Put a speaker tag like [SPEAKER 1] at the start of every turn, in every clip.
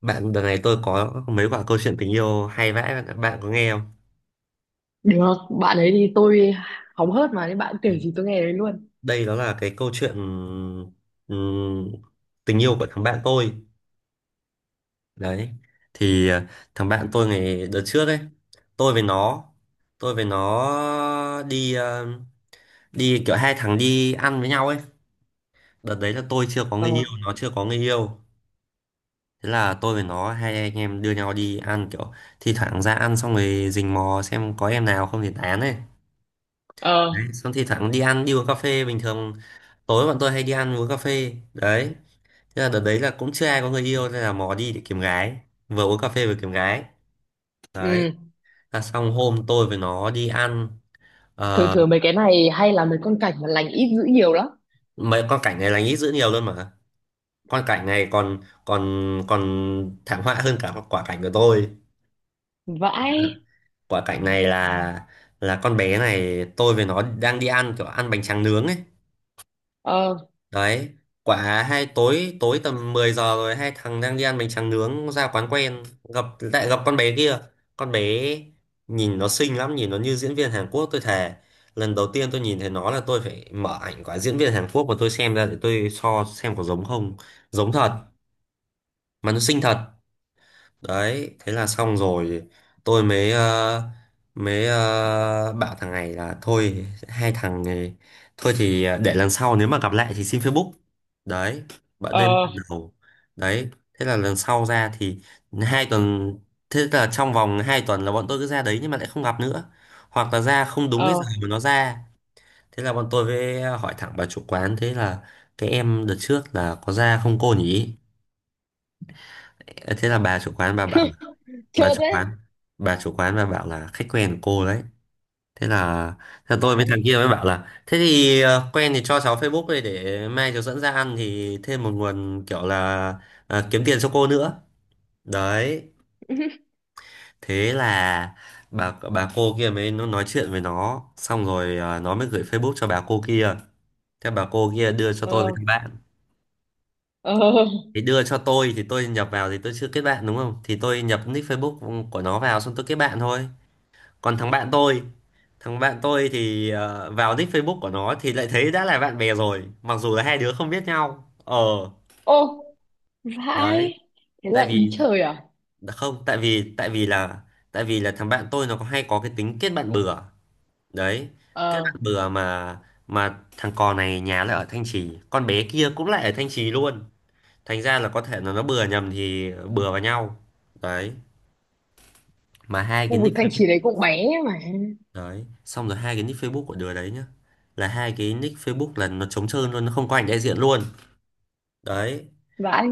[SPEAKER 1] Bạn đợt này tôi có mấy quả câu chuyện tình yêu hay vãi bạn, bạn có nghe không?
[SPEAKER 2] Được, bạn ấy thì tôi hóng hớt mà nên bạn kể gì tôi nghe đấy luôn.
[SPEAKER 1] Đây đó là cái câu chuyện ừm, tình yêu của thằng bạn tôi. Đấy. Thì thằng bạn tôi ngày đợt trước ấy, tôi với nó tôi với nó đi đi kiểu hai thằng đi ăn với nhau ấy. Đợt đấy là tôi chưa có
[SPEAKER 2] Ờ,
[SPEAKER 1] người yêu, nó chưa có người yêu. Thế là tôi với nó hai anh em đưa nhau đi ăn, kiểu thi thoảng ra ăn xong rồi rình mò xem có em nào không thì tán ấy.
[SPEAKER 2] ờ,
[SPEAKER 1] Đấy, xong thì thẳng đi ăn đi uống cà phê bình thường, tối bọn tôi hay đi ăn uống cà phê đấy. Thế là đợt đấy là cũng chưa ai có người yêu nên là mò đi để kiếm gái, vừa uống cà phê vừa kiếm gái đấy.
[SPEAKER 2] ừ.
[SPEAKER 1] Là xong hôm tôi với nó đi ăn.
[SPEAKER 2] Thường
[SPEAKER 1] Ờ,
[SPEAKER 2] thường mấy cái này hay là mấy con cảnh mà lành ít dữ nhiều lắm.
[SPEAKER 1] mấy con cảnh này là nghĩ dữ nhiều luôn mà. Con cảnh này còn còn còn thảm họa hơn cả quả cảnh của tôi.
[SPEAKER 2] Vãi,
[SPEAKER 1] Quả cảnh này là con bé này tôi với nó đang đi ăn kiểu ăn bánh tráng nướng ấy.
[SPEAKER 2] ờ,
[SPEAKER 1] Đấy, quả hai tối, tầm 10 giờ rồi, hai thằng đang đi ăn bánh tráng nướng ra quán quen, gặp lại gặp con bé kia. Con bé nhìn nó xinh lắm, nhìn nó như diễn viên Hàn Quốc tôi thề. Lần đầu tiên tôi nhìn thấy nó là tôi phải mở ảnh quả diễn viên Hàn Quốc mà tôi xem ra để tôi so xem có giống không. Giống thật mà, nó xinh thật đấy. Thế là xong rồi tôi mới bảo thằng này là thôi, hai thằng này thôi thì để lần sau nếu mà gặp lại thì xin Facebook. Đấy, bạn đây mới
[SPEAKER 2] ờ,
[SPEAKER 1] lần đầu. Đấy, thế là lần sau ra thì hai tuần thế là trong vòng 2 tuần là bọn tôi cứ ra đấy nhưng mà lại không gặp nữa, hoặc là ra không đúng cái giờ
[SPEAKER 2] ờ,
[SPEAKER 1] mà nó ra. Thế là bọn tôi với hỏi thẳng bà chủ quán. Thế là cái em đợt trước là có ra không cô nhỉ. Ờ, thế là bà chủ quán bà bảo là, bà
[SPEAKER 2] chơ
[SPEAKER 1] chủ
[SPEAKER 2] thế.
[SPEAKER 1] quán bà chủ quán bà bảo là khách quen của cô đấy. Thế là tôi với
[SPEAKER 2] Vãi,
[SPEAKER 1] thằng kia mới bảo là thế thì quen thì cho cháu Facebook đây để mai cháu dẫn ra ăn thì thêm một nguồn kiểu là kiếm tiền cho cô nữa. Đấy, thế là bà cô kia mới nó nói chuyện với nó, xong rồi nó mới gửi Facebook cho bà cô kia. Thế bà cô kia đưa cho tôi với
[SPEAKER 2] ờ,
[SPEAKER 1] thằng bạn.
[SPEAKER 2] ờ,
[SPEAKER 1] Thì đưa cho tôi thì tôi nhập vào, thì tôi chưa kết bạn đúng không, thì tôi nhập nick Facebook của nó vào xong tôi kết bạn thôi. Còn thằng bạn tôi, thì vào nick Facebook của nó thì lại thấy đã là bạn bè rồi, mặc dù là hai đứa không biết nhau. Ờ,
[SPEAKER 2] ô,
[SPEAKER 1] đấy,
[SPEAKER 2] vãi. Thế
[SPEAKER 1] tại
[SPEAKER 2] là ý
[SPEAKER 1] vì
[SPEAKER 2] trời à?
[SPEAKER 1] không, tại vì là thằng bạn tôi nó có hay có cái tính kết bạn bừa. Đấy, kết
[SPEAKER 2] Ờ,
[SPEAKER 1] bạn bừa mà, thằng cò này nhà lại ở Thanh Trì, con bé kia cũng lại ở Thanh Trì luôn. Thành ra là có thể là nó bừa nhầm thì bừa vào nhau. Đấy, mà hai cái
[SPEAKER 2] khu vực
[SPEAKER 1] nick
[SPEAKER 2] Thanh Trì đấy cũng bé mà.
[SPEAKER 1] đấy, xong rồi hai cái nick Facebook của đứa đấy nhá. Là hai cái nick Facebook là nó trống trơn luôn, nó không có ảnh đại diện luôn. Đấy,
[SPEAKER 2] Vãi,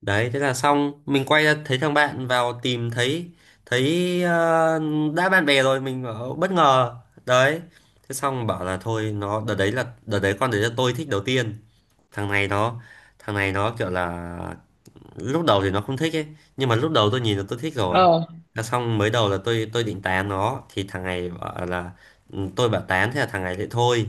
[SPEAKER 1] đấy thế là xong, mình quay ra thấy thằng bạn vào tìm thấy, thấy ờ, đã bạn bè rồi, mình bảo, bất ngờ. Đấy. Thế xong bảo là thôi, nó đợt đấy là đợt đấy con đấy là tôi thích đầu tiên. Thằng này nó, kiểu là lúc đầu thì nó không thích ấy, nhưng mà lúc đầu tôi nhìn là tôi thích rồi.
[SPEAKER 2] ờ,
[SPEAKER 1] Là xong mới đầu là tôi định tán nó thì thằng này bảo là ừ, tôi bảo tán, thế là thằng này lại thôi.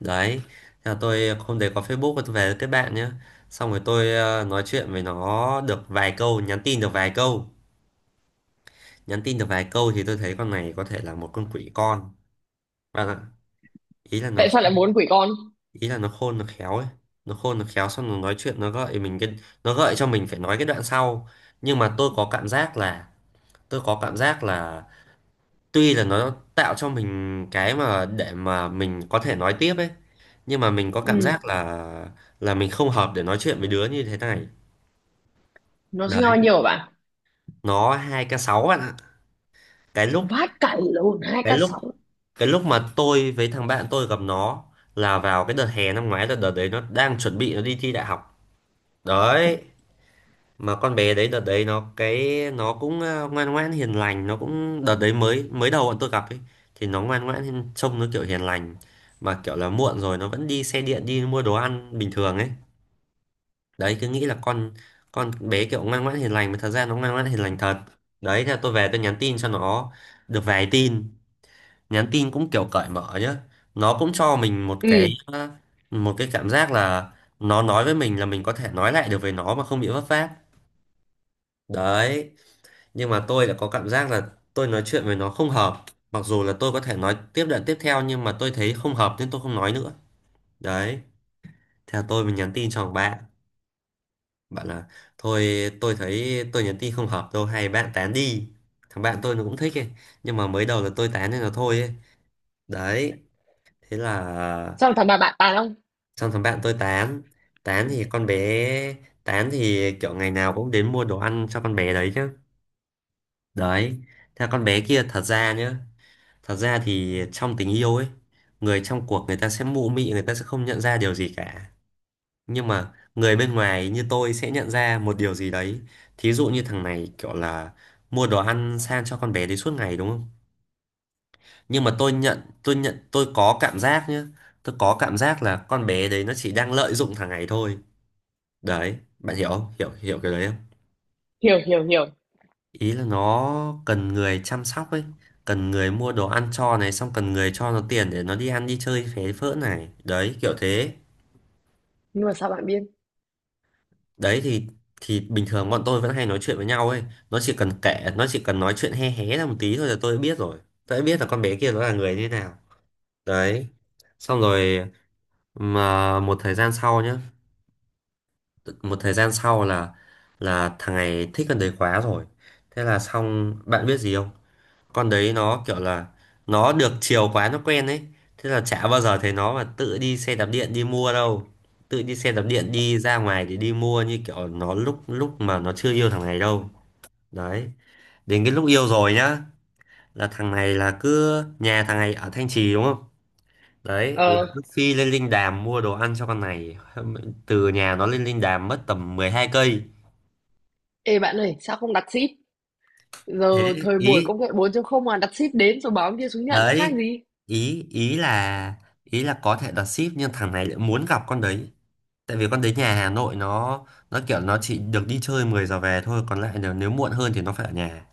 [SPEAKER 1] Đấy, thế là tôi hôm đấy có Facebook và tôi về với kết bạn nhá. Xong rồi tôi nói chuyện với nó được vài câu, nhắn tin được vài câu, thì tôi thấy con này có thể là một con quỷ con. Và ý là nó
[SPEAKER 2] tại sao lại
[SPEAKER 1] khôn-
[SPEAKER 2] muốn quỷ con?
[SPEAKER 1] ý là nó khôn nó khéo ấy. Nó khôn nó khéo xong nó nói chuyện, nó gợi mình cái, nó gợi cho mình phải nói cái đoạn sau. Nhưng mà tôi có cảm giác là, tôi có cảm giác là tuy là nó tạo cho mình cái mà để mà mình có thể nói tiếp ấy, nhưng mà mình có cảm
[SPEAKER 2] Ừ,
[SPEAKER 1] giác là mình không hợp để nói chuyện với đứa như thế này.
[SPEAKER 2] nó sinh
[SPEAKER 1] Đấy,
[SPEAKER 2] bao nhiều hả bạn?
[SPEAKER 1] nó 2k6 bạn ạ. cái lúc
[SPEAKER 2] Vát cày lộn hai k
[SPEAKER 1] cái lúc
[SPEAKER 2] sáu.
[SPEAKER 1] cái lúc mà tôi với thằng bạn tôi gặp nó là vào cái đợt hè năm ngoái, là đợt đấy nó đang chuẩn bị nó đi thi đại học. Đấy, mà con bé đấy đợt đấy nó cái nó cũng ngoan ngoãn hiền lành. Nó cũng đợt đấy mới mới đầu bọn tôi gặp ấy thì nó trông nó kiểu hiền lành, mà kiểu là muộn rồi nó vẫn đi xe điện đi mua đồ ăn bình thường ấy. Đấy, cứ nghĩ là con bé kiểu ngoan ngoãn hiền lành, mà thật ra nó ngoan ngoãn hiền lành thật. Đấy, thế là tôi về tôi nhắn tin cho nó được vài tin, nhắn tin cũng kiểu cởi mở nhá. Nó cũng cho mình một
[SPEAKER 2] Ừ,
[SPEAKER 1] cái một cái cảm giác là nó nói với mình là mình có thể nói lại được với nó mà không bị vấp váp. Đấy, nhưng mà tôi đã có cảm giác là tôi nói chuyện với nó không hợp. Mặc dù là tôi có thể nói tiếp đoạn tiếp theo nhưng mà tôi thấy không hợp nên tôi không nói nữa. Đấy, theo tôi mình nhắn tin cho thằng bạn, bạn là thôi tôi thấy tôi nhắn tin không hợp đâu, hay bạn tán đi. Thằng bạn tôi nó cũng thích ấy, nhưng mà mới đầu là tôi tán nên là thôi ấy. Đấy, thế là
[SPEAKER 2] sao thằng bà bạn tàn không?
[SPEAKER 1] xong thằng bạn tôi tán. Tán thì con bé tán thì kiểu ngày nào cũng đến mua đồ ăn cho con bé đấy chứ. Đấy, theo con bé kia thật ra nhá. Thật ra thì trong tình yêu ấy, người trong cuộc người ta sẽ mụ mị, người ta sẽ không nhận ra điều gì cả. Nhưng mà người bên ngoài như tôi sẽ nhận ra một điều gì đấy. Thí dụ như thằng này kiểu là mua đồ ăn sang cho con bé đấy suốt ngày đúng không? Nhưng mà tôi có cảm giác nhá. Tôi có cảm giác là con bé đấy nó chỉ đang lợi dụng thằng này thôi. Đấy, bạn hiểu không? Hiểu hiểu cái đấy.
[SPEAKER 2] Hiểu, hiểu, hiểu.
[SPEAKER 1] Ý là nó cần người chăm sóc ấy, cần người mua đồ ăn cho này, xong cần người cho nó tiền để nó đi ăn đi chơi phế phỡ này, đấy kiểu thế.
[SPEAKER 2] Nhưng mà sao bạn biết?
[SPEAKER 1] Đấy thì, bình thường bọn tôi vẫn hay nói chuyện với nhau ấy. Nó chỉ cần nói chuyện hé hé ra một tí thôi là tôi đã biết rồi. Tôi đã biết là con bé kia nó là người như thế nào. Đấy, xong rồi, mà một thời gian sau nhá, một thời gian sau là thằng này thích con đấy quá rồi. Thế là xong bạn biết gì không, con đấy nó kiểu là nó được chiều quá nó quen ấy. Thế là chả bao giờ thấy nó mà tự đi xe đạp điện đi mua đâu, tự đi xe đạp điện đi ra ngoài để đi mua như kiểu nó lúc lúc mà nó chưa yêu thằng này đâu. Đấy, đến cái lúc yêu rồi nhá, là thằng này là cứ, nhà thằng này ở Thanh Trì đúng không, đấy là
[SPEAKER 2] Ờ,
[SPEAKER 1] cứ phi lên Linh Đàm mua đồ ăn cho con này. Từ nhà nó lên Linh Đàm mất tầm 12 cây.
[SPEAKER 2] ê bạn ơi, sao không đặt ship giờ?
[SPEAKER 1] Thế
[SPEAKER 2] Thời buổi
[SPEAKER 1] ý
[SPEAKER 2] công nghệ 4 không mà, đặt ship đến rồi báo ông kia xuống nhận nó khác
[SPEAKER 1] đấy
[SPEAKER 2] gì.
[SPEAKER 1] ý ý là ý là có thể đặt ship nhưng thằng này lại muốn gặp con đấy. Tại vì con đến nhà Hà Nội nó kiểu nó chỉ được đi chơi 10 giờ về thôi, còn lại nếu, muộn hơn thì nó phải ở nhà.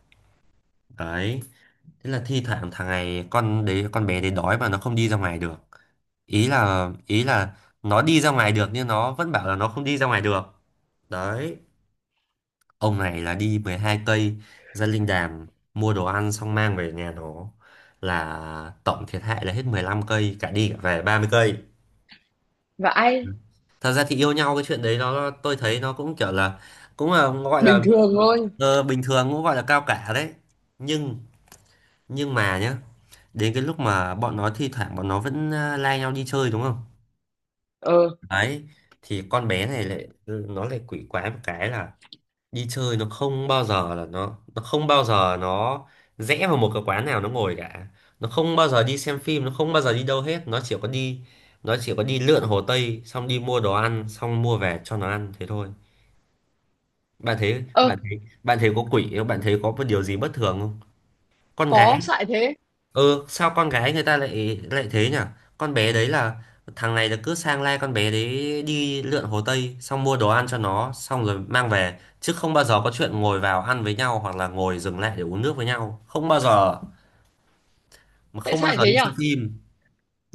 [SPEAKER 1] Đấy, thế là thi thoảng thằng này, con bé đấy đói mà nó không đi ra ngoài được. Ý là nó đi ra ngoài được nhưng nó vẫn bảo là nó không đi ra ngoài được. Đấy, ông này là đi 12 cây ra Linh Đàm mua đồ ăn xong mang về nhà nó, là tổng thiệt hại là hết 15 cây, cả đi cả về 30 cây.
[SPEAKER 2] Và ai,
[SPEAKER 1] Thật ra thì yêu nhau cái chuyện đấy nó, tôi thấy nó cũng kiểu là cũng là gọi là,
[SPEAKER 2] bình thường thôi.
[SPEAKER 1] bình thường, cũng gọi là cao cả đấy. Nhưng nhưng mà nhá, đến cái lúc mà bọn nó thi thoảng bọn nó vẫn lai nhau đi chơi đúng không.
[SPEAKER 2] Ờ,
[SPEAKER 1] Đấy, thì con bé này lại nó lại quỷ quái một cái là đi chơi nó không bao giờ là nó không bao giờ nó rẽ vào một cái quán nào nó ngồi cả. Nó không bao giờ đi xem phim, nó không bao giờ đi đâu hết, nó chỉ có đi, nó chỉ có đi lượn Hồ Tây xong đi mua đồ ăn xong mua về cho nó ăn thế thôi. bạn thấy
[SPEAKER 2] ơ,
[SPEAKER 1] bạn thấy bạn thấy có quỷ không, bạn thấy có một điều gì bất thường không? Con gái,
[SPEAKER 2] có, sao lại thế?
[SPEAKER 1] ừ, sao con gái người ta lại lại thế nhỉ. Con bé đấy là, thằng này là cứ sang lai con bé đấy đi lượn Hồ Tây xong mua đồ ăn cho nó xong rồi mang về, chứ không bao giờ có chuyện ngồi vào ăn với nhau hoặc là ngồi dừng lại để uống nước với nhau, không bao giờ. Mà
[SPEAKER 2] Tại
[SPEAKER 1] không
[SPEAKER 2] sao
[SPEAKER 1] bao
[SPEAKER 2] lại
[SPEAKER 1] giờ đi
[SPEAKER 2] thế nhở?
[SPEAKER 1] xem phim.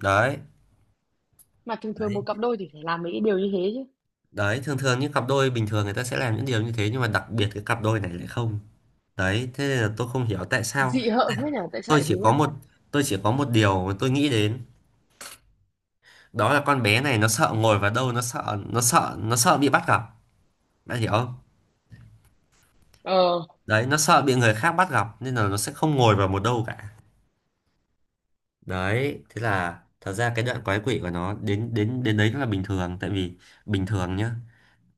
[SPEAKER 1] đấy
[SPEAKER 2] Mà thường thường
[SPEAKER 1] đấy
[SPEAKER 2] một cặp đôi thì phải làm mấy cái điều như thế chứ.
[SPEAKER 1] đấy, thường thường những cặp đôi bình thường người ta sẽ làm những điều như thế, nhưng mà đặc biệt cái cặp đôi này lại không. Đấy, thế nên là tôi không hiểu tại sao.
[SPEAKER 2] Dị hợm thế nhở, tại sao
[SPEAKER 1] tôi
[SPEAKER 2] lại thế
[SPEAKER 1] chỉ
[SPEAKER 2] nhở?
[SPEAKER 1] có một tôi chỉ có một điều mà tôi nghĩ đến, đó là con bé này nó sợ ngồi vào đâu, nó sợ bị bắt gặp. Bạn hiểu không?
[SPEAKER 2] Ờ,
[SPEAKER 1] Đấy, nó sợ bị người khác bắt gặp nên là nó sẽ không ngồi vào một đâu cả. Đấy, thế là thật ra cái đoạn quái quỷ của nó đến đến đến đấy là bình thường, tại vì bình thường nhá.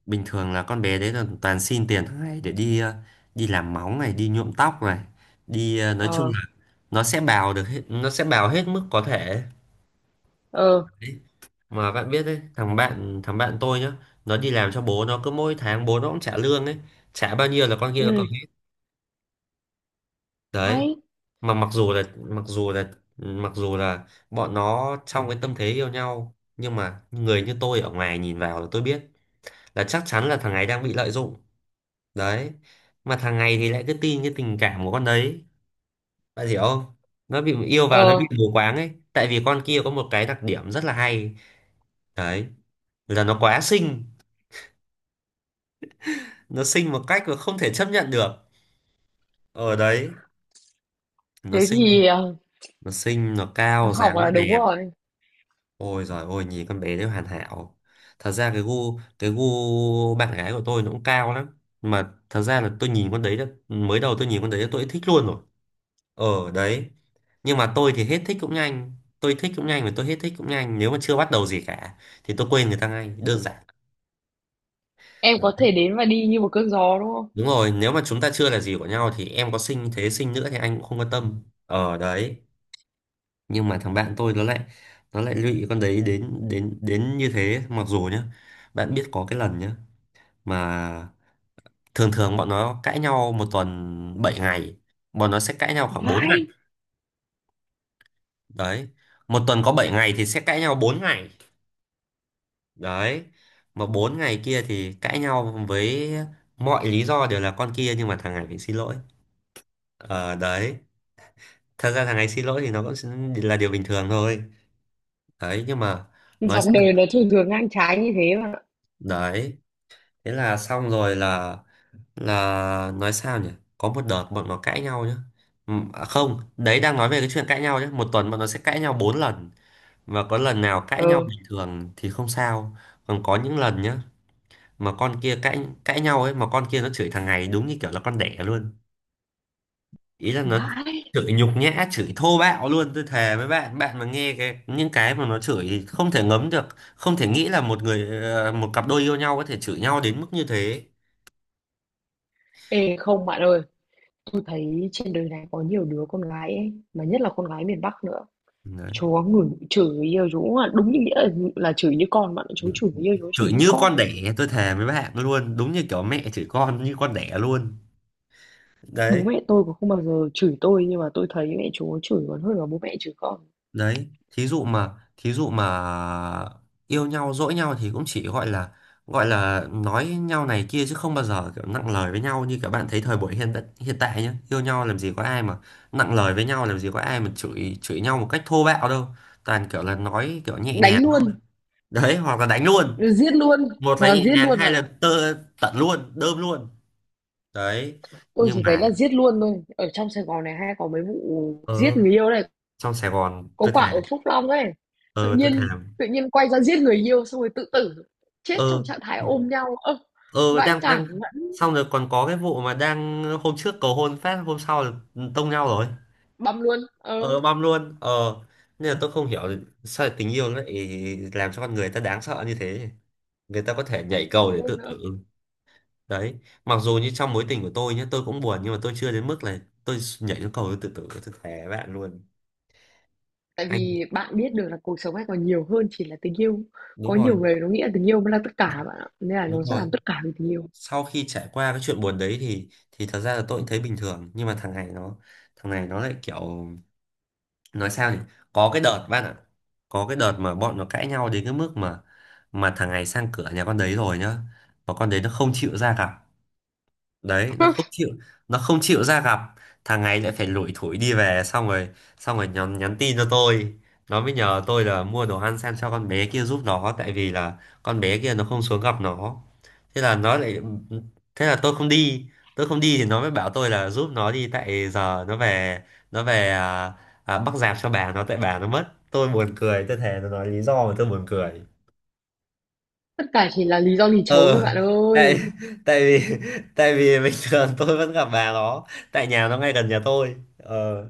[SPEAKER 1] Bình thường là con bé đấy là toàn xin tiền hàng ngày để đi đi làm móng này, đi nhuộm tóc này, đi nói chung
[SPEAKER 2] ờ,
[SPEAKER 1] là nó sẽ bào được hết, nó sẽ bào hết mức có thể.
[SPEAKER 2] ờ,
[SPEAKER 1] Mà bạn biết đấy, thằng bạn tôi nhá, nó đi làm cho bố nó, cứ mỗi tháng bố nó cũng trả lương ấy, trả bao nhiêu là con kia nó cầm
[SPEAKER 2] ừ,
[SPEAKER 1] hết. Đấy,
[SPEAKER 2] hay,
[SPEAKER 1] mà mặc dù là mặc dù là mặc dù là bọn nó trong cái tâm thế yêu nhau, nhưng mà người như tôi ở ngoài nhìn vào là tôi biết là chắc chắn là thằng này đang bị lợi dụng. Đấy, mà thằng này thì lại cứ tin cái tình cảm của con đấy. Bạn hiểu không? Nó bị yêu vào, nó
[SPEAKER 2] ờ,
[SPEAKER 1] bị mù quáng ấy, tại vì con kia có một cái đặc điểm rất là hay, đấy là nó quá xinh. Nó xinh một cách mà không thể chấp nhận được. Ở đấy, nó
[SPEAKER 2] thế
[SPEAKER 1] xinh
[SPEAKER 2] thì
[SPEAKER 1] nó xinh nó cao,
[SPEAKER 2] học
[SPEAKER 1] dáng nó
[SPEAKER 2] là đúng
[SPEAKER 1] đẹp.
[SPEAKER 2] rồi.
[SPEAKER 1] Ôi giời ôi, nhìn con bé đấy hoàn hảo. Thật ra cái gu bạn gái của tôi nó cũng cao lắm, mà thật ra là tôi nhìn con đấy đã, mới đầu tôi nhìn con đấy đã tôi đã thích luôn rồi. Ở đấy, nhưng mà tôi thì hết thích cũng nhanh. Tôi thích cũng nhanh và tôi hết thích cũng nhanh, nếu mà chưa bắt đầu gì cả thì tôi quên người ta ngay, đơn giản.
[SPEAKER 2] Em có
[SPEAKER 1] Đấy.
[SPEAKER 2] thể đến và đi như một cơn gió, đúng không?
[SPEAKER 1] Đúng rồi, nếu mà chúng ta chưa là gì của nhau thì em có xinh thế xinh nữa thì anh cũng không quan tâm. Ở đấy, nhưng mà thằng bạn tôi nó lại, nó lại lụy con đấy đến đến đến như thế. Mặc dù nhá, bạn biết có cái lần nhá, mà thường thường bọn nó cãi nhau một tuần 7 ngày, bọn nó sẽ cãi nhau khoảng 4
[SPEAKER 2] Vãi.
[SPEAKER 1] ngày. Đấy, một tuần có 7 ngày thì sẽ cãi nhau 4 ngày. Đấy, mà 4 ngày kia thì cãi nhau với mọi lý do đều là con kia, nhưng mà thằng này phải xin lỗi. Ờ Đấy, thật ra thằng này xin lỗi thì nó cũng là điều bình thường thôi. Đấy, nhưng mà nói
[SPEAKER 2] Dòng
[SPEAKER 1] sao nhỉ?
[SPEAKER 2] đời nó thường thường ngang trái như thế mà.
[SPEAKER 1] Đấy, thế là xong rồi là nói sao nhỉ. Có một đợt bọn nó cãi nhau nhá. À không, đấy đang nói về cái chuyện cãi nhau nhá, một tuần bọn nó sẽ cãi nhau 4 lần, và có lần nào cãi nhau
[SPEAKER 2] Ừ,
[SPEAKER 1] bình thường thì không sao. Còn có những lần nhá, mà con kia cãi cãi nhau ấy, mà con kia nó chửi thằng này đúng như kiểu là con đẻ luôn. Ý là nó
[SPEAKER 2] vãi.
[SPEAKER 1] chửi nhục nhã, chửi thô bạo luôn. Tôi thề với bạn, bạn mà nghe cái những cái mà nó chửi thì không thể ngấm được. Không thể nghĩ là một người một cặp đôi yêu nhau có thể chửi nhau đến mức như thế.
[SPEAKER 2] Ê, không bạn ơi, tôi thấy trên đời này có nhiều đứa con gái ấy, mà nhất là con gái miền Bắc nữa.
[SPEAKER 1] Đấy,
[SPEAKER 2] Chúa ngửi chửi yêu chú mà đúng như nghĩa là chửi như con bạn, ạ. Chú chửi yêu, chú chửi
[SPEAKER 1] chửi
[SPEAKER 2] như
[SPEAKER 1] như
[SPEAKER 2] con
[SPEAKER 1] con
[SPEAKER 2] ấy.
[SPEAKER 1] đẻ, tôi thề với bạn luôn, đúng như kiểu mẹ chửi con như con đẻ luôn.
[SPEAKER 2] Bố
[SPEAKER 1] đấy
[SPEAKER 2] mẹ tôi cũng không bao giờ chửi tôi nhưng mà tôi thấy mẹ chú chửi còn hơn là bố mẹ chửi con.
[SPEAKER 1] đấy Thí dụ mà thí dụ mà yêu nhau dỗi nhau thì cũng chỉ gọi là, gọi là nói nhau này kia, chứ không bao giờ kiểu nặng lời với nhau như các bạn thấy thời buổi hiện hiện tại nhá. Yêu nhau làm gì có ai mà nặng lời với nhau, làm gì có ai mà chửi chửi nhau một cách thô bạo đâu. Toàn kiểu là nói kiểu nhẹ
[SPEAKER 2] Đánh
[SPEAKER 1] nhàng.
[SPEAKER 2] luôn,
[SPEAKER 1] Đấy, hoặc là đánh luôn.
[SPEAKER 2] giết luôn,
[SPEAKER 1] Một
[SPEAKER 2] hoặc
[SPEAKER 1] là
[SPEAKER 2] là
[SPEAKER 1] nhẹ
[SPEAKER 2] giết
[SPEAKER 1] nhàng,
[SPEAKER 2] luôn
[SPEAKER 1] hai
[SPEAKER 2] bạn
[SPEAKER 1] là
[SPEAKER 2] ạ.
[SPEAKER 1] tơ tận luôn, đơm luôn. Đấy,
[SPEAKER 2] Tôi
[SPEAKER 1] nhưng
[SPEAKER 2] chỉ thấy
[SPEAKER 1] mà,
[SPEAKER 2] là giết luôn thôi. Ở trong Sài Gòn này hay có mấy vụ giết
[SPEAKER 1] ờ,
[SPEAKER 2] người yêu này.
[SPEAKER 1] trong Sài Gòn
[SPEAKER 2] Có
[SPEAKER 1] tôi
[SPEAKER 2] quả
[SPEAKER 1] thề.
[SPEAKER 2] ở Phúc Long ấy, tự
[SPEAKER 1] Ờ, tôi thề.
[SPEAKER 2] nhiên tự nhiên quay ra giết người yêu xong rồi tự tử, chết
[SPEAKER 1] ờ
[SPEAKER 2] trong trạng thái ôm nhau. Ơ,
[SPEAKER 1] ờ
[SPEAKER 2] vãi
[SPEAKER 1] đang đang
[SPEAKER 2] đản vẫn
[SPEAKER 1] xong rồi còn có cái vụ mà đang hôm trước cầu hôn phát, hôm sau là tông nhau rồi.
[SPEAKER 2] băm luôn.
[SPEAKER 1] Ờ,
[SPEAKER 2] Ờ,
[SPEAKER 1] băm luôn. Ờ, nên là tôi không hiểu sao lại tình yêu nó lại làm cho con người ta đáng sợ như thế. Người ta có thể nhảy cầu
[SPEAKER 2] không
[SPEAKER 1] để
[SPEAKER 2] biết
[SPEAKER 1] tự
[SPEAKER 2] nữa.
[SPEAKER 1] tử. Đấy, mặc dù như trong mối tình của tôi nhé, tôi cũng buồn, nhưng mà tôi chưa đến mức là tôi nhảy xuống cầu tôi tự tử, tôi thề với bạn luôn.
[SPEAKER 2] Tại
[SPEAKER 1] Anh,
[SPEAKER 2] vì bạn biết được là cuộc sống này còn nhiều hơn chỉ là tình yêu. Có
[SPEAKER 1] đúng rồi
[SPEAKER 2] nhiều người nó nghĩ là tình yêu mới là tất cả bạn ạ, nên là
[SPEAKER 1] đúng
[SPEAKER 2] nó sẽ
[SPEAKER 1] rồi,
[SPEAKER 2] làm tất cả vì tình yêu.
[SPEAKER 1] sau khi trải qua cái chuyện buồn đấy thì thật ra là tôi cũng thấy bình thường, nhưng mà thằng này nó, thằng này nó lại kiểu, nói sao nhỉ. Có cái đợt bạn ạ, có cái đợt mà bọn nó cãi nhau đến cái mức mà thằng này sang cửa nhà con đấy rồi nhá, mà con đấy nó không chịu ra gặp. Đấy, nó không chịu, nó không chịu ra gặp. Thằng này lại phải lủi thủi đi về, xong rồi, xong rồi nhắn tin cho tôi. Nó mới nhờ tôi là mua đồ ăn sang cho con bé kia giúp nó, tại vì là con bé kia nó không xuống gặp nó. Thế là nó lại, thế là tôi không đi. Tôi không đi thì nó mới bảo tôi là giúp nó đi, tại giờ nó về, nó về à, bắc rạp cho bà nó, tại bà nó mất. Tôi buồn cười, tôi thề, nó nói lý do mà tôi buồn cười.
[SPEAKER 2] Tất cả chỉ là lý do lì chấu thôi
[SPEAKER 1] ờ
[SPEAKER 2] bạn
[SPEAKER 1] Tại,
[SPEAKER 2] ơi.
[SPEAKER 1] tại vì tại vì bình thường tôi vẫn gặp bà nó, tại nhà nó ngay gần nhà tôi. Ờ,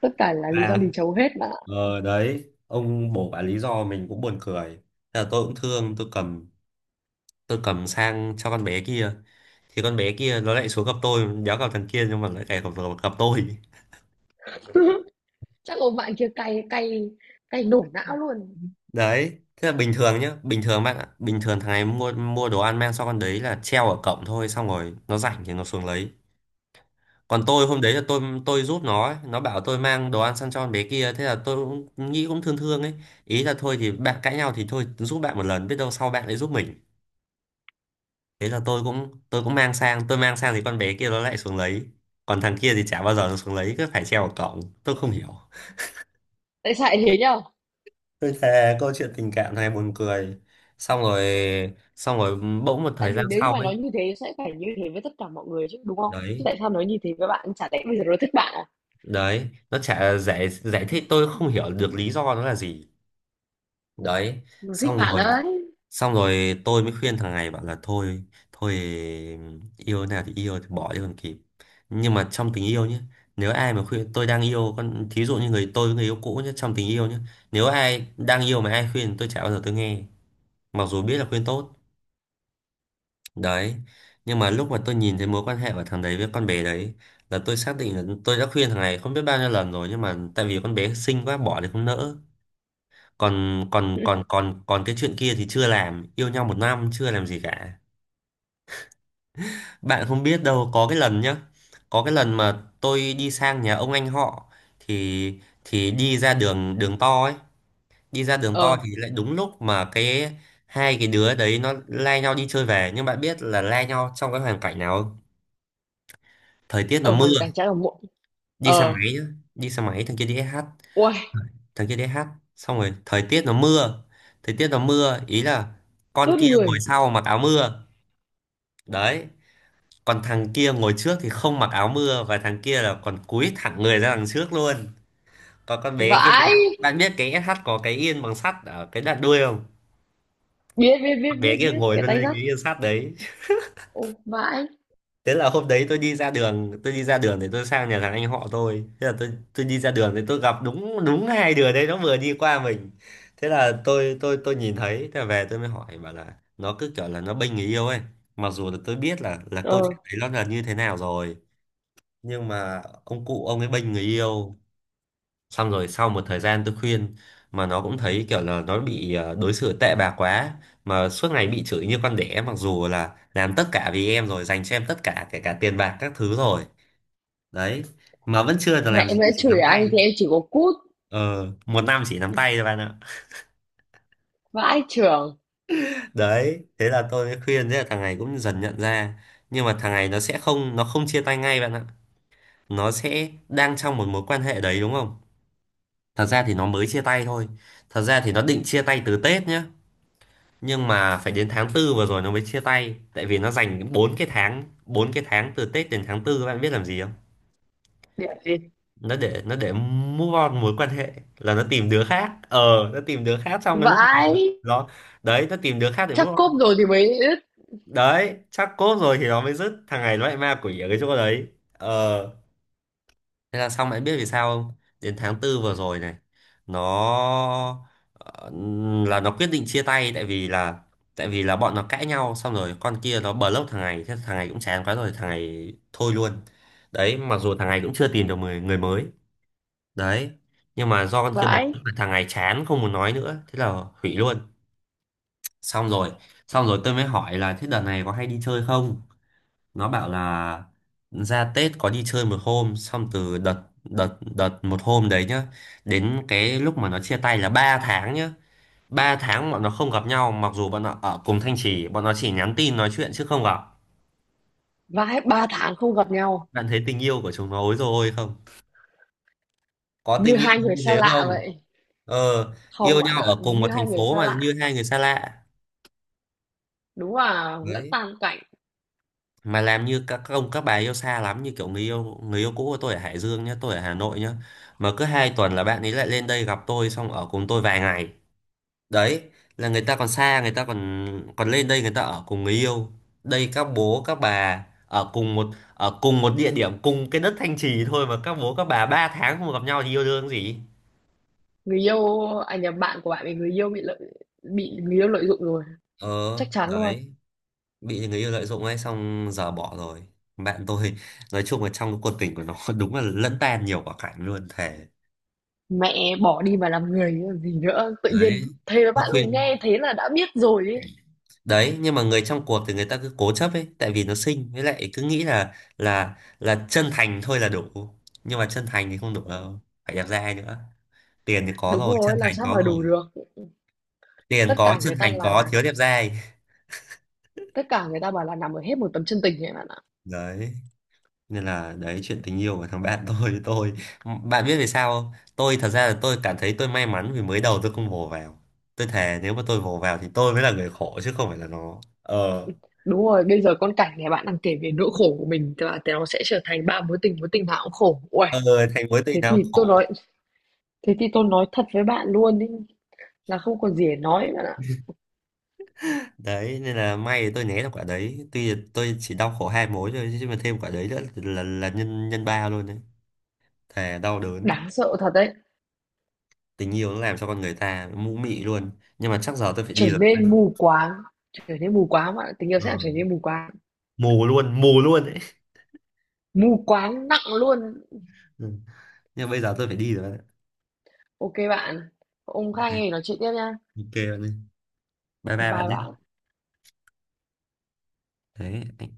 [SPEAKER 2] Tất cả là lý do
[SPEAKER 1] bà,
[SPEAKER 2] lì chấu hết bạn ạ.
[SPEAKER 1] ờ đấy, ông bổ bà lý do mình cũng buồn cười. Thế là tôi cũng thương, tôi cầm, tôi cầm sang cho con bé kia, thì con bé kia nó lại xuống gặp tôi, đéo gặp thằng kia, nhưng mà lại cày gặp, gặp tôi.
[SPEAKER 2] Chắc là bạn kia cay cay cay nổ não luôn.
[SPEAKER 1] Đấy, thế là bình thường nhá, bình thường bạn ạ, bình thường thằng này mua mua đồ ăn mang cho con đấy là treo ở cổng thôi, xong rồi nó rảnh thì nó xuống lấy. Còn tôi hôm đấy là tôi giúp nó ấy. Nó bảo tôi mang đồ ăn sang cho con bé kia. Thế là tôi cũng nghĩ, cũng thương thương ấy, ý là thôi thì bạn cãi nhau thì thôi, giúp bạn một lần biết đâu sau bạn lại giúp mình. Thế là tôi cũng mang sang thì con bé kia nó lại xuống lấy, còn thằng kia thì chả bao giờ nó xuống lấy, cứ phải treo vào cổng, tôi không hiểu.
[SPEAKER 2] Tại sao lại thế nhở?
[SPEAKER 1] Tôi thề câu chuyện tình cảm này buồn cười. Xong rồi xong rồi bỗng một
[SPEAKER 2] Tại
[SPEAKER 1] thời gian
[SPEAKER 2] vì nếu như
[SPEAKER 1] sau
[SPEAKER 2] mà
[SPEAKER 1] ấy.
[SPEAKER 2] nói như thế sẽ phải như thế với tất cả mọi người chứ, đúng không? Chứ
[SPEAKER 1] đấy
[SPEAKER 2] tại sao nói như thế với bạn? Chả lẽ bây giờ nó thích bạn à?
[SPEAKER 1] đấy nó chả giải giải thích, tôi không hiểu được lý do nó là gì. Đấy.
[SPEAKER 2] Nó thích
[SPEAKER 1] xong
[SPEAKER 2] bạn
[SPEAKER 1] rồi
[SPEAKER 2] đấy.
[SPEAKER 1] xong rồi tôi mới khuyên thằng này bảo là thôi, thôi, yêu thế nào thì yêu thì bỏ đi còn kịp. Nhưng mà trong tình yêu nhé, nếu ai mà khuyên tôi đang yêu con, thí dụ như người tôi với người yêu cũ nhé, trong tình yêu nhé, nếu ai đang yêu mà ai khuyên tôi chả bao giờ tôi nghe, mặc dù biết là khuyên tốt. Đấy. Nhưng mà lúc mà tôi nhìn thấy mối quan hệ của thằng đấy với con bé đấy là tôi xác định là tôi đã khuyên thằng này không biết bao nhiêu lần rồi, nhưng mà tại vì con bé xinh quá, bỏ thì không nỡ. còn còn còn còn còn cái chuyện kia thì chưa làm, yêu nhau một năm chưa làm gì cả. Bạn không biết đâu, có cái lần nhá, có cái lần mà tôi đi sang nhà ông anh họ, thì đi ra đường đường to ấy. Đi ra đường to
[SPEAKER 2] Ờ,
[SPEAKER 1] thì lại đúng lúc mà cái hai cái đứa đấy nó lai nhau đi chơi về. Nhưng bạn biết là lai nhau trong cái hoàn cảnh nào không? Thời tiết nó
[SPEAKER 2] ở
[SPEAKER 1] mưa.
[SPEAKER 2] hoàn cảnh trái ở muộn.
[SPEAKER 1] Đi xe
[SPEAKER 2] Ờ,
[SPEAKER 1] máy nhá. Đi xe máy thằng kia đi SH
[SPEAKER 2] ui,
[SPEAKER 1] thằng kia đi SH Xong rồi thời tiết nó mưa, ý là con
[SPEAKER 2] ướt
[SPEAKER 1] kia ngồi
[SPEAKER 2] người.
[SPEAKER 1] sau mặc áo mưa. Đấy. Còn thằng kia ngồi trước thì không mặc áo mưa, và thằng kia là còn cúi thẳng người ra đằng trước luôn. Còn con bé kia,
[SPEAKER 2] Vãi.
[SPEAKER 1] bạn biết cái SH có cái yên bằng sắt ở cái đoạn đuôi không?
[SPEAKER 2] Biết, biết, biết,
[SPEAKER 1] Con bé
[SPEAKER 2] biết,
[SPEAKER 1] kia
[SPEAKER 2] biết.
[SPEAKER 1] ngồi
[SPEAKER 2] Cái
[SPEAKER 1] luôn
[SPEAKER 2] tay
[SPEAKER 1] lên
[SPEAKER 2] dắt.
[SPEAKER 1] cái yên sắt đấy.
[SPEAKER 2] Ô, vãi.
[SPEAKER 1] Thế là hôm đấy tôi đi ra đường để tôi sang nhà thằng anh họ tôi. Thế là tôi đi ra đường thì tôi gặp đúng đúng hai đứa đấy nó vừa đi qua mình. Thế là tôi nhìn thấy, thế là về tôi mới hỏi, bảo là nó cứ kiểu là nó bênh người yêu ấy, mặc dù là tôi biết là câu
[SPEAKER 2] Ờ,
[SPEAKER 1] chuyện đấy nó là như thế nào rồi. Nhưng mà ông cụ ông ấy bênh người yêu. Xong rồi sau một thời gian tôi khuyên mà nó cũng thấy kiểu là nó bị đối xử tệ bạc quá, mà suốt ngày bị chửi như con đẻ, mặc dù là làm tất cả vì em rồi, dành cho em tất cả, kể cả tiền bạc các thứ rồi. Đấy. Mà vẫn chưa được
[SPEAKER 2] mẹ
[SPEAKER 1] làm gì,
[SPEAKER 2] mẹ
[SPEAKER 1] chỉ
[SPEAKER 2] chửi
[SPEAKER 1] nắm tay.
[SPEAKER 2] anh thì em chỉ có cút.
[SPEAKER 1] Ờ, một năm chỉ nắm tay thôi bạn ạ.
[SPEAKER 2] Vãi trưởng.
[SPEAKER 1] Đấy, thế là tôi mới khuyên, thế là thằng này cũng dần nhận ra. Nhưng mà thằng này nó sẽ không, nó không chia tay ngay bạn ạ. Nó sẽ đang trong một mối quan hệ đấy đúng không. Thật ra thì nó mới chia tay thôi. Thật ra thì nó định chia tay từ Tết nhá. Nhưng mà phải đến tháng tư vừa rồi nó mới chia tay. Tại vì nó dành 4 cái tháng từ Tết đến tháng tư các bạn biết làm gì không?
[SPEAKER 2] Điểm gì?
[SPEAKER 1] Nó để, nó để move on mối quan hệ, là nó tìm đứa khác. Ờ, nó tìm đứa khác trong cái lúc
[SPEAKER 2] Vãi.
[SPEAKER 1] nó, đấy, nó tìm đứa khác để
[SPEAKER 2] Chắc
[SPEAKER 1] move
[SPEAKER 2] cốp
[SPEAKER 1] on.
[SPEAKER 2] rồi thì mới ướt.
[SPEAKER 1] Đấy, chắc cốt rồi thì nó mới dứt. Thằng này nó lại ma quỷ ở cái chỗ đấy. Ờ. Thế là xong, em biết vì sao không? Đến tháng tư vừa rồi này nó, ờ, là nó quyết định chia tay, tại vì là, tại vì là bọn nó cãi nhau xong rồi con kia nó block thằng này, thế thằng này cũng chán quá rồi, thằng này thôi luôn. Đấy, mặc dù thằng này cũng chưa tìm được người người mới. Đấy. Nhưng mà do con kia block
[SPEAKER 2] Vãi.
[SPEAKER 1] mà thằng này chán không muốn nói nữa, thế là hủy luôn. Xong rồi, xong rồi tôi mới hỏi là thế đợt này có hay đi chơi không? Nó bảo là ra Tết có đi chơi một hôm, xong từ đợt đợt đợt một hôm đấy nhá, đến cái lúc mà nó chia tay là 3 tháng nhá. Ba tháng bọn nó không gặp nhau mặc dù bọn nó ở cùng Thanh Trì, bọn nó chỉ nhắn tin nói chuyện chứ không gặp.
[SPEAKER 2] Vãi, 3 tháng không gặp nhau.
[SPEAKER 1] Bạn thấy tình yêu của chúng nó ối rồi, ôi không, có
[SPEAKER 2] Như
[SPEAKER 1] tình yêu
[SPEAKER 2] hai người
[SPEAKER 1] như
[SPEAKER 2] xa
[SPEAKER 1] thế
[SPEAKER 2] lạ
[SPEAKER 1] không?
[SPEAKER 2] vậy.
[SPEAKER 1] Ờ,
[SPEAKER 2] Không
[SPEAKER 1] yêu
[SPEAKER 2] bạn
[SPEAKER 1] nhau
[SPEAKER 2] ạ,
[SPEAKER 1] ở cùng một
[SPEAKER 2] như
[SPEAKER 1] thành
[SPEAKER 2] hai người
[SPEAKER 1] phố
[SPEAKER 2] xa
[SPEAKER 1] mà
[SPEAKER 2] lạ.
[SPEAKER 1] như hai người xa lạ.
[SPEAKER 2] Đúng là lẫn
[SPEAKER 1] Đấy,
[SPEAKER 2] tan cảnh,
[SPEAKER 1] mà làm như các ông các bà yêu xa lắm, như kiểu người yêu, người yêu cũ của tôi ở Hải Dương nhá, tôi ở Hà Nội nhá, mà cứ hai tuần là bạn ấy lại lên đây gặp tôi xong ở cùng tôi vài ngày. Đấy, là người ta còn xa, người ta còn, còn lên đây người ta ở cùng người yêu. Đây các bố các bà ở cùng một, ở cùng một địa điểm, cùng cái đất Thanh Trì thôi mà các bố các bà ba tháng không gặp nhau thì yêu đương gì.
[SPEAKER 2] người yêu à nhầm, bạn của bạn bị người yêu lợi dụng rồi,
[SPEAKER 1] Ờ.
[SPEAKER 2] chắc chắn luôn.
[SPEAKER 1] Đấy, bị người yêu lợi dụng ấy, xong giờ bỏ rồi. Bạn tôi nói chung là trong cái cuộc tình của nó đúng là lẫn tan nhiều quả cảnh luôn, thề.
[SPEAKER 2] Mẹ bỏ đi mà làm người chứ còn gì nữa, tự
[SPEAKER 1] Đấy,
[SPEAKER 2] nhiên thế với
[SPEAKER 1] nó
[SPEAKER 2] bạn luôn,
[SPEAKER 1] khuyên.
[SPEAKER 2] nghe thế là đã biết rồi ấy.
[SPEAKER 1] Đấy, nhưng mà người trong cuộc thì người ta cứ cố chấp ấy, tại vì nó xinh, với lại cứ nghĩ là là chân thành thôi là đủ. Nhưng mà chân thành thì không đủ đâu, phải đẹp trai nữa. Tiền thì có
[SPEAKER 2] Đúng
[SPEAKER 1] rồi, chân
[SPEAKER 2] rồi, làm
[SPEAKER 1] thành
[SPEAKER 2] sao
[SPEAKER 1] có
[SPEAKER 2] mà
[SPEAKER 1] rồi.
[SPEAKER 2] đủ được.
[SPEAKER 1] Tiền
[SPEAKER 2] Tất
[SPEAKER 1] có,
[SPEAKER 2] cả
[SPEAKER 1] chân
[SPEAKER 2] người ta
[SPEAKER 1] thành có,
[SPEAKER 2] là
[SPEAKER 1] thiếu đẹp trai.
[SPEAKER 2] Tất cả người ta bảo là nằm ở hết một tấm chân tình ấy bạn ạ.
[SPEAKER 1] Đấy, nên là đấy chuyện tình yêu của thằng bạn tôi. Bạn biết vì sao không? Tôi thật ra là tôi cảm thấy tôi may mắn vì mới đầu tôi không vồ vào. Tôi thề nếu mà tôi vồ vào thì tôi mới là người khổ chứ không phải là nó. Ờ.
[SPEAKER 2] Đúng rồi, bây giờ con cảnh này bạn đang kể về nỗi khổ của mình là nó sẽ trở thành ba mối tình nào cũng khổ. Uầy,
[SPEAKER 1] Ờ, thành mối tình
[SPEAKER 2] thế
[SPEAKER 1] nào
[SPEAKER 2] thì
[SPEAKER 1] cũng
[SPEAKER 2] tôi
[SPEAKER 1] khổ.
[SPEAKER 2] nói thế thì tôi nói thật với bạn luôn ấy, là không còn gì để nói bạn ạ.
[SPEAKER 1] Đấy, nên là may tôi né được quả đấy, tuy là tôi chỉ đau khổ hai mối thôi chứ mà thêm quả đấy nữa là nhân nhân ba luôn đấy. Thề, đau đớn.
[SPEAKER 2] Đáng sợ thật đấy.
[SPEAKER 1] Tình yêu nó làm cho con người ta mũ mị luôn. Nhưng mà chắc giờ tôi phải đi
[SPEAKER 2] trở
[SPEAKER 1] rồi.
[SPEAKER 2] nên mù quáng trở nên mù quáng bạn ạ. Tình yêu sẽ làm trở
[SPEAKER 1] Ừ.
[SPEAKER 2] nên mù quáng,
[SPEAKER 1] Mù luôn, mù luôn đấy.
[SPEAKER 2] mù quáng nặng luôn.
[SPEAKER 1] Ừ. Nhưng mà bây giờ tôi phải đi rồi bạn ạ.
[SPEAKER 2] OK bạn, ông Khang ơi,
[SPEAKER 1] Ok.
[SPEAKER 2] nói chuyện tiếp nha.
[SPEAKER 1] Ok. Bạn ơi, bye bye bạn
[SPEAKER 2] Bye bạn.
[SPEAKER 1] nhé. Đấy.